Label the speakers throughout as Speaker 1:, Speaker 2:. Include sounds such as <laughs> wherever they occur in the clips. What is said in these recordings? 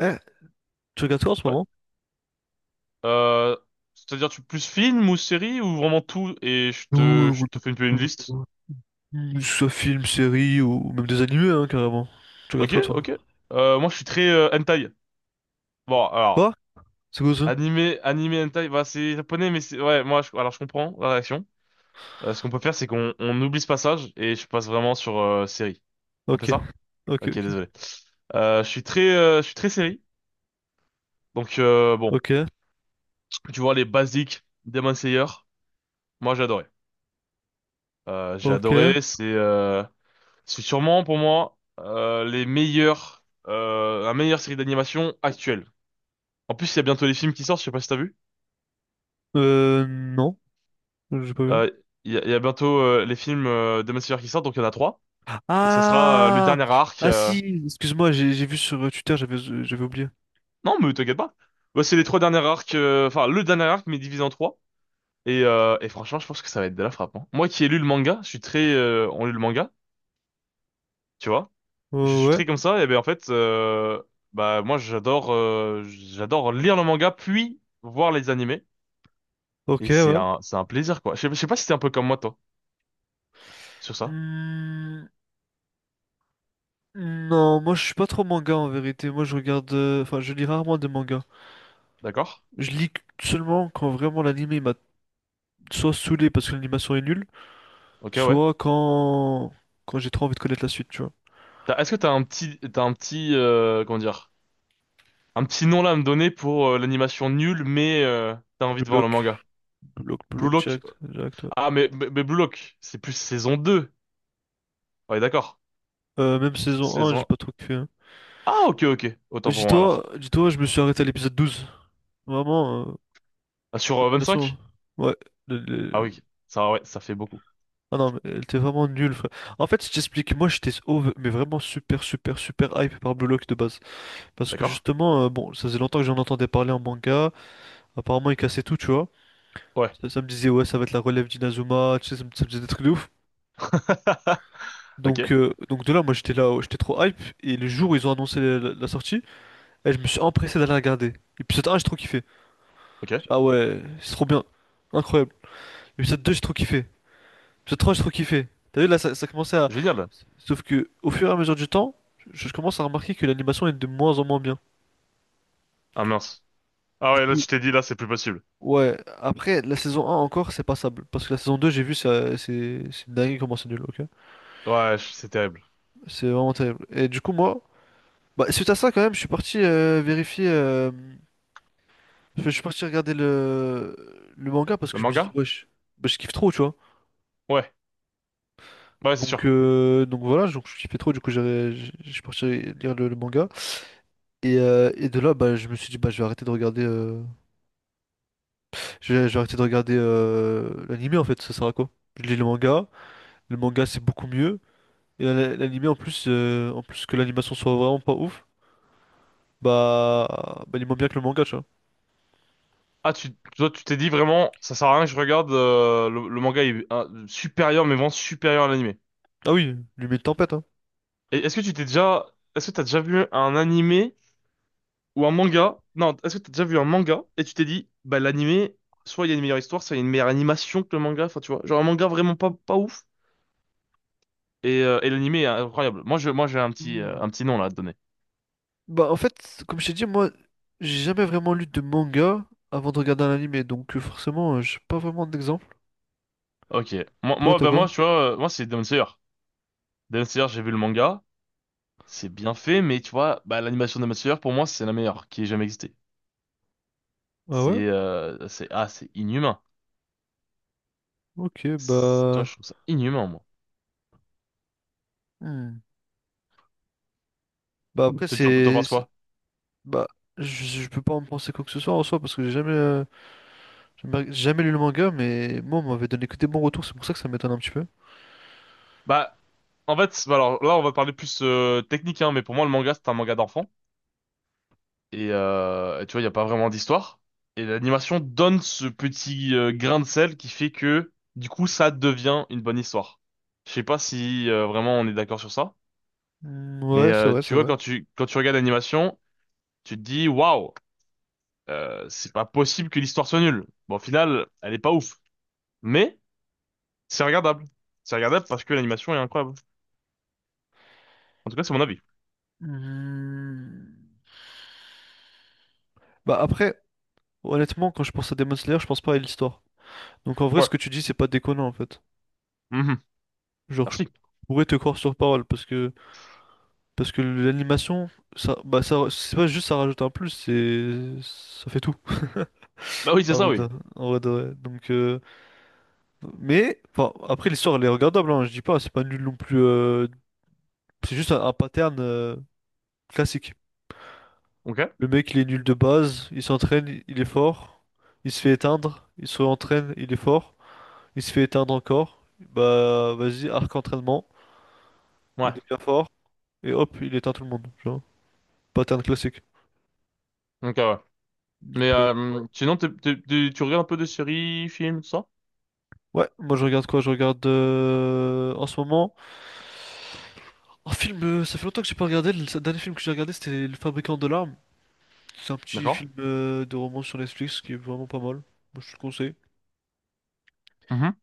Speaker 1: Eh, tu regardes quoi en ce
Speaker 2: Ouais.
Speaker 1: moment?
Speaker 2: Euh, C'est-à-dire tu plus film ou série ou vraiment tout et je
Speaker 1: Ou-
Speaker 2: te je
Speaker 1: ou-
Speaker 2: te fais une
Speaker 1: ou-
Speaker 2: liste.
Speaker 1: Soit film, série ou même des animés hein, carrément. Tu regardes
Speaker 2: Ok,
Speaker 1: quoi toi?
Speaker 2: ok. Moi je suis très hentai. Bon alors
Speaker 1: Quoi? C'est quoi ça?
Speaker 2: animé animé hentai, bah c'est japonais mais c'est ouais alors je comprends la réaction. Ce qu'on peut faire, c'est qu'on on oublie ce passage et je passe vraiment sur série. On fait
Speaker 1: Ok,
Speaker 2: ça?
Speaker 1: ok,
Speaker 2: Ok,
Speaker 1: ok.
Speaker 2: désolé. Je suis très série donc bon,
Speaker 1: Ok,
Speaker 2: tu vois, les basiques Demon Slayer, moi j'ai adoré. J'ai
Speaker 1: ok.
Speaker 2: adoré, c'est c'est sûrement pour moi la meilleure série d'animation actuelle. En plus, il y a bientôt les films qui sortent, je sais pas si t'as vu.
Speaker 1: Non, j'ai pas vu.
Speaker 2: Euh, il y a bientôt les films de Massive qui sortent, donc il y en a trois. Et ça sera le
Speaker 1: Ah!
Speaker 2: dernier arc.
Speaker 1: Ah si, excuse-moi, j'ai vu sur Twitter, j'avais oublié.
Speaker 2: Non, mais t'inquiète pas. Ouais, c'est les trois derniers arcs, enfin le dernier arc, mais divisé en trois. Et franchement, je pense que ça va être de la frappe, hein. Moi qui ai lu le manga, on lit le manga, tu vois. Je
Speaker 1: Euh,
Speaker 2: suis
Speaker 1: ouais,
Speaker 2: très comme ça, et ben en fait, bah moi j'adore lire le manga puis voir les animés.
Speaker 1: ok,
Speaker 2: Et
Speaker 1: ouais.
Speaker 2: c'est un plaisir, quoi. Je sais pas si t'es un peu comme moi, toi, sur ça.
Speaker 1: Hmm, non, moi je suis pas trop manga en vérité. Moi je regarde. Enfin, je lis rarement des mangas.
Speaker 2: D'accord?
Speaker 1: Je lis seulement quand vraiment l'anime il m'a soit saoulé parce que l'animation est nulle.
Speaker 2: Ok, ouais.
Speaker 1: Soit quand j'ai trop envie de connaître la suite, tu vois.
Speaker 2: Est-ce que t'as un petit, comment dire, un petit nom là à me donner pour l'animation nulle, mais t'as envie
Speaker 1: Blue
Speaker 2: de voir le
Speaker 1: Lock,
Speaker 2: manga?
Speaker 1: Blue Lock, Blue
Speaker 2: Blue
Speaker 1: Lock,
Speaker 2: Lock.
Speaker 1: Jack, Jack, toi.
Speaker 2: Ah, mais Blue Lock, c'est plus saison deux. Ouais, d'accord.
Speaker 1: Même saison un j'ai
Speaker 2: Saison...
Speaker 1: pas trop kiffé, hein.
Speaker 2: Ah, ok, ok.
Speaker 1: Mais
Speaker 2: Autant pour moi,
Speaker 1: dis-toi,
Speaker 2: alors.
Speaker 1: dis-toi, je me suis arrêté à l'épisode 12. Vraiment,
Speaker 2: Ah, sur
Speaker 1: l'animation.
Speaker 2: cinq.
Speaker 1: Ouais. le-
Speaker 2: Ah
Speaker 1: le-
Speaker 2: oui, ça, ouais, ça fait beaucoup.
Speaker 1: Ah non, mais elle était vraiment nulle, frère. En fait, je t'explique, moi j'étais mais vraiment super, super, super hype par Blue Lock de base. Parce que
Speaker 2: D'accord?
Speaker 1: justement, bon, ça faisait longtemps que j'en entendais parler en manga. Apparemment, il cassait tout, tu vois.
Speaker 2: Ouais.
Speaker 1: Ça me disait, ouais, ça va être la relève d'Inazuma, tu sais, ça me disait des trucs de ouf.
Speaker 2: <laughs> Ok,
Speaker 1: Donc de là, moi j'étais là, j'étais trop hype. Et le jour où ils ont annoncé la sortie, eh, je me suis empressé d'aller regarder. Épisode 1, j'ai trop kiffé.
Speaker 2: ok.
Speaker 1: Ah ouais, c'est trop bien. Incroyable. Épisode 2 j'ai trop kiffé. Épisode 3 j'ai trop kiffé. T'as vu, là, ça commençait à.
Speaker 2: Génial.
Speaker 1: Sauf que, au fur et à mesure du temps, je commence à remarquer que l'animation est de moins en moins bien.
Speaker 2: Ah mince. Ah
Speaker 1: Du
Speaker 2: ouais, là,
Speaker 1: coup,
Speaker 2: tu t'es dit, là, c'est plus possible.
Speaker 1: ouais, après, la saison un encore, c'est passable. Parce que la saison 2 j'ai vu, c'est dingue comment c'est nul, ok?
Speaker 2: C'est terrible.
Speaker 1: C'est vraiment terrible. Et du coup, moi, bah, suite à ça, quand même, je suis parti vérifier. Je suis parti regarder le manga parce
Speaker 2: Le
Speaker 1: que je me suis dit,
Speaker 2: manga?
Speaker 1: wesh, bah, je kiffe trop, tu vois.
Speaker 2: Ouais. Bah ouais, c'est
Speaker 1: Donc,
Speaker 2: sûr.
Speaker 1: euh, donc voilà, donc je kiffais trop, du coup, je suis parti lire le manga. Et de là, bah, je me suis dit, bah, je vais arrêter de regarder, je vais arrêter de regarder l'anime en fait, ça sert à quoi? Je lis le manga c'est beaucoup mieux. Et l'anime en plus que l'animation soit vraiment pas ouf, bah il moins bien que le manga, tu vois.
Speaker 2: Ah, toi, tu t'es dit vraiment, ça sert à rien que je regarde, le manga est supérieur, mais vraiment supérieur à l'animé.
Speaker 1: Ah oui, lui met une tempête,
Speaker 2: Et est-ce que t'as déjà vu un animé ou un manga? Non, est-ce que t'as déjà vu un manga et tu t'es dit, bah, l'animé, soit il y a une meilleure histoire, soit il y a une meilleure animation que le manga, enfin, tu vois. Genre un manga vraiment pas ouf, et l'animé est incroyable. Moi, j'ai
Speaker 1: hein.
Speaker 2: un petit nom là à te donner.
Speaker 1: Bah, en fait, comme je t'ai dit, moi, j'ai jamais vraiment lu de manga avant de regarder un anime, donc forcément, j'ai pas vraiment d'exemple.
Speaker 2: Ok.
Speaker 1: Toi, t'as quoi?
Speaker 2: Moi, tu vois, moi, c'est Demon Slayer. Demon Slayer, j'ai vu le manga. C'est bien fait, mais tu vois, bah, l'animation de Demon Slayer, pour moi, c'est la meilleure qui ait jamais existé.
Speaker 1: Ah ouais?
Speaker 2: C'est c'est inhumain.
Speaker 1: Ok,
Speaker 2: Tu vois,
Speaker 1: bah.
Speaker 2: je trouve ça inhumain, moi.
Speaker 1: Hmm. Bah, après,
Speaker 2: T'en
Speaker 1: c'est.
Speaker 2: penses quoi?
Speaker 1: Bah, je peux pas en penser quoi que ce soit en soi, parce que j'ai jamais lu le manga, mais moi, on m'avait donné que des bons retours, c'est pour ça que ça m'étonne un petit peu.
Speaker 2: Bah en fait, bah alors là on va parler plus technique, hein, mais pour moi le manga c'est un manga d'enfant et tu vois, il y a pas vraiment d'histoire et l'animation donne ce petit grain de sel qui fait que du coup ça devient une bonne histoire. Je sais pas si vraiment on est d'accord sur ça,
Speaker 1: Hmm,
Speaker 2: mais
Speaker 1: ouais, c'est vrai,
Speaker 2: tu
Speaker 1: c'est
Speaker 2: vois
Speaker 1: vrai.
Speaker 2: quand tu regardes l'animation, tu te dis waouh, c'est pas possible que l'histoire soit nulle. Bon, au final, elle est pas ouf. Mais c'est regardable. C'est regardable parce que l'animation est incroyable. En tout cas, c'est mon avis.
Speaker 1: Hmm. Bah, après, honnêtement, quand je pense à Demon Slayer, je pense pas à l'histoire. Donc, en vrai,
Speaker 2: Ouais.
Speaker 1: ce que tu dis, c'est pas déconnant, en fait.
Speaker 2: Mhm.
Speaker 1: Genre, je
Speaker 2: Merci.
Speaker 1: pourrais te croire sur parole parce que l'animation, ça, bah ça, c'est pas juste ça rajoute un plus, c'est ça fait tout.
Speaker 2: Bah oui,
Speaker 1: <laughs>
Speaker 2: c'est
Speaker 1: En
Speaker 2: ça,
Speaker 1: vrai,
Speaker 2: oui.
Speaker 1: en vrai de vrai. Donc, mais enfin, après l'histoire elle est regardable, hein, je dis pas, c'est pas nul non plus. C'est juste un pattern classique.
Speaker 2: Ok.
Speaker 1: Le mec il est nul de base, il s'entraîne, il est fort, il se fait éteindre, il se réentraîne, il est fort, il se fait éteindre encore. Bah vas-y, arc entraînement, il
Speaker 2: Ouais.
Speaker 1: devient fort et hop, il éteint tout le monde. Pattern classique.
Speaker 2: Ok, ouais.
Speaker 1: Donc,
Speaker 2: Mais sinon, tu regardes un peu de séries, films, tout ça?
Speaker 1: ouais, moi je regarde quoi? Je regarde en ce moment un film. Ça fait longtemps que j'ai pas regardé. Le dernier film que j'ai regardé, c'était Le Fabricant de larmes. C'est un petit
Speaker 2: D'accord.
Speaker 1: film de romance sur Netflix qui est vraiment pas mal. Moi, je te le conseille.
Speaker 2: Mhm.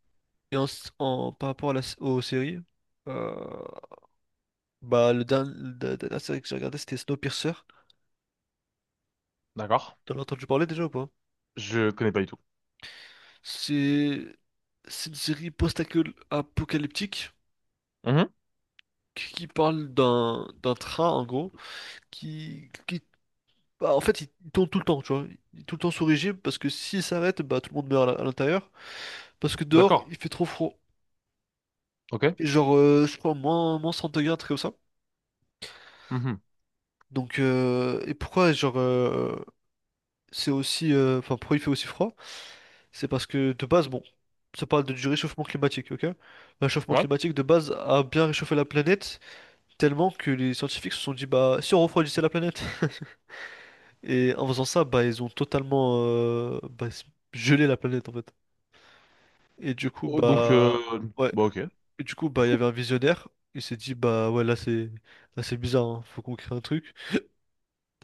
Speaker 1: Et par rapport à aux séries, euh, bah la dernière série que j'ai regardée, c'était Snowpiercer.
Speaker 2: D'accord.
Speaker 1: T'en as entendu parler déjà ou pas?
Speaker 2: Je connais pas du tout.
Speaker 1: C'est c'est une série post-apocalyptique
Speaker 2: Mhm.
Speaker 1: qui parle d'un train en gros qui, qui- bah, en fait, il tourne tout le temps, tu vois. Il est tout le temps sous régime parce que s'il s'arrête, bah, tout le monde meurt à l'intérieur. Parce que dehors,
Speaker 2: D'accord.
Speaker 1: il fait trop froid.
Speaker 2: Ok.
Speaker 1: Et genre, je crois, moins 100 degrés, un truc comme ça.
Speaker 2: Mhm.
Speaker 1: Donc, et pourquoi, genre, c'est aussi. Enfin, pourquoi il fait aussi froid? C'est parce que de base, bon, ça parle du réchauffement climatique, ok? Le réchauffement
Speaker 2: Ouais.
Speaker 1: climatique de base a bien réchauffé la planète tellement que les scientifiques se sont dit, bah, si on refroidissait la planète. <laughs> Et en faisant ça, bah, ils ont totalement bah, gelé la planète en fait. Et
Speaker 2: Oh,
Speaker 1: ouais,
Speaker 2: bah ok.
Speaker 1: du coup,
Speaker 2: C'est
Speaker 1: bah, il y
Speaker 2: fou.
Speaker 1: avait un visionnaire. Il s'est dit, bah, ouais, là, c'est bizarre, hein, faut qu'on crée un truc.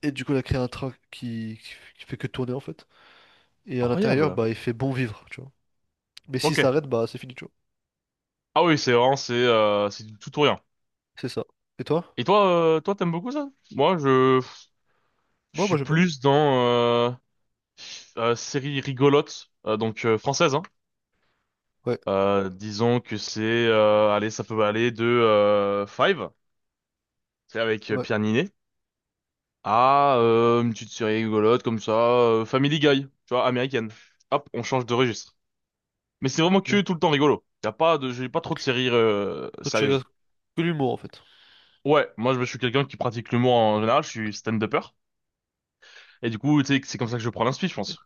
Speaker 1: Et du coup, il a créé un train qui fait que tourner, en fait. Et à l'intérieur,
Speaker 2: Incroyable.
Speaker 1: bah, il fait bon vivre, tu vois. Mais s'il
Speaker 2: Ok.
Speaker 1: s'arrête, bah, c'est fini, tu vois.
Speaker 2: Ah oui, c'est vraiment, c'est du tout ou rien.
Speaker 1: C'est ça. Et toi?
Speaker 2: Et toi, toi, t'aimes beaucoup ça? Je
Speaker 1: Moi, moi,
Speaker 2: suis
Speaker 1: j'aime bien.
Speaker 2: plus dans euh, série rigolote, donc française, hein.
Speaker 1: Ouais,
Speaker 2: Disons que c'est, allez, ça peut aller de Five, c'est avec
Speaker 1: ouais.
Speaker 2: Pierre Ninet, à une petite série rigolote comme ça, Family Guy, tu vois, américaine. Hop, on change de registre. Mais c'est vraiment
Speaker 1: Ok.
Speaker 2: que tout le temps rigolo. Y a pas de, j'ai pas trop de séries
Speaker 1: Toi, tu regardes
Speaker 2: sérieuses.
Speaker 1: que l'humour, en fait.
Speaker 2: Ouais, moi je suis quelqu'un qui pratique l'humour en général, je suis stand-upper, et du coup, tu sais, c'est comme ça que je prends l'inspi, je pense.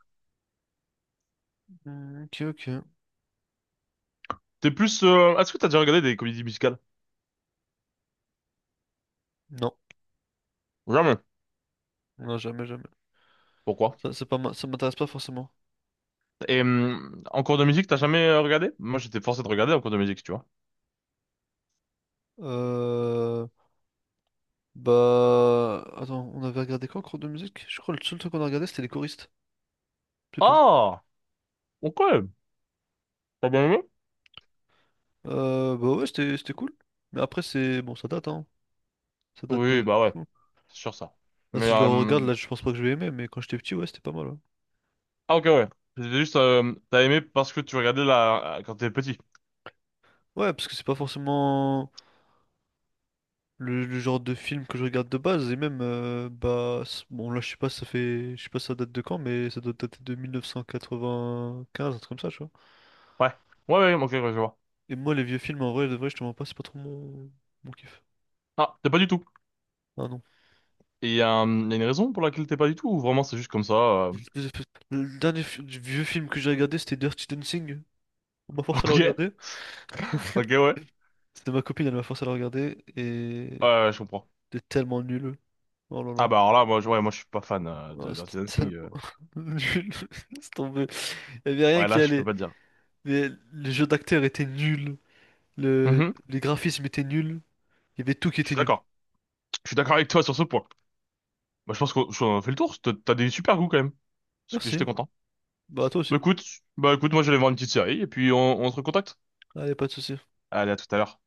Speaker 1: Hmm, ok, ok.
Speaker 2: T'es plus, est-ce que t'as déjà regardé des comédies musicales?
Speaker 1: Non,
Speaker 2: Jamais.
Speaker 1: non, jamais, jamais.
Speaker 2: Pourquoi?
Speaker 1: Ça, c'est pas, ça m'intéresse pas forcément.
Speaker 2: Et en cours de musique, t'as jamais regardé? Moi, j'étais forcé de regarder en cours de musique, tu vois.
Speaker 1: Euh, bah, attends, on avait regardé quoi en cours de musique? Je crois que le seul truc qu'on a regardé, c'était Les Choristes. C'est tout.
Speaker 2: Ah! Ok! T'as bien aimé?
Speaker 1: Bah, ouais, c'était cool. Mais après, c'est. Bon, ça date, hein. Ça date de...
Speaker 2: Oui,
Speaker 1: de
Speaker 2: bah ouais,
Speaker 1: fou.
Speaker 2: c'est sûr ça.
Speaker 1: Là,
Speaker 2: Mais
Speaker 1: si je le regarde, là, je pense pas que je vais aimer, mais quand j'étais petit, ouais, c'était pas mal. Ouais,
Speaker 2: ah ok ouais, c'était juste t'as aimé parce que tu regardais la quand t'étais petit.
Speaker 1: ouais, parce que c'est pas forcément le genre de film que je regarde de base, et même, Bon, là, je sais pas, ça fait. Je sais pas si ça date de quand, mais ça doit dater de 1995, un truc comme ça, tu vois.
Speaker 2: Ouais, ouais, ouais, ok, ouais, je vois.
Speaker 1: Et moi, les vieux films, en vrai, de vrai, je te mens pas, c'est pas trop mon kiff.
Speaker 2: Ah, t'es pas du tout.
Speaker 1: Ah non.
Speaker 2: Et il y, a un- y a une raison pour laquelle t'es pas du tout ou vraiment c'est juste comme ça.
Speaker 1: Le le dernier vieux film que j'ai regardé, c'était Dirty Dancing. On m'a
Speaker 2: <laughs>
Speaker 1: forcé à le
Speaker 2: Ok,
Speaker 1: regarder.
Speaker 2: ok, ouais,
Speaker 1: C'était ma copine, elle m'a forcé à la regarder et
Speaker 2: ouais, je comprends.
Speaker 1: c'était tellement nul. Oh là
Speaker 2: Ah
Speaker 1: là.
Speaker 2: bah alors là, ouais, moi je suis pas fan
Speaker 1: Oh,
Speaker 2: de
Speaker 1: c'était
Speaker 2: Dirty Dancing.
Speaker 1: tellement
Speaker 2: euh.
Speaker 1: <laughs> nul. <laughs> C'est tombé. Il n'y avait rien
Speaker 2: Ouais,
Speaker 1: qui
Speaker 2: là, je peux
Speaker 1: allait.
Speaker 2: pas te dire.
Speaker 1: Mais le jeu d'acteur était nul. Le...
Speaker 2: Mhm.
Speaker 1: Les graphismes étaient nuls. Il y avait tout qui
Speaker 2: Je
Speaker 1: était
Speaker 2: suis
Speaker 1: nul.
Speaker 2: d'accord. Je suis d'accord avec toi sur ce point. Bah, je pense qu'on fait le tour. T'as des super goûts quand même. Parce que
Speaker 1: Merci.
Speaker 2: j'étais content.
Speaker 1: Bah, à toi
Speaker 2: Bah
Speaker 1: aussi.
Speaker 2: écoute, bah écoute, moi je vais voir une petite série et puis on se recontacte.
Speaker 1: Allez, pas de soucis.
Speaker 2: Allez, à tout à l'heure.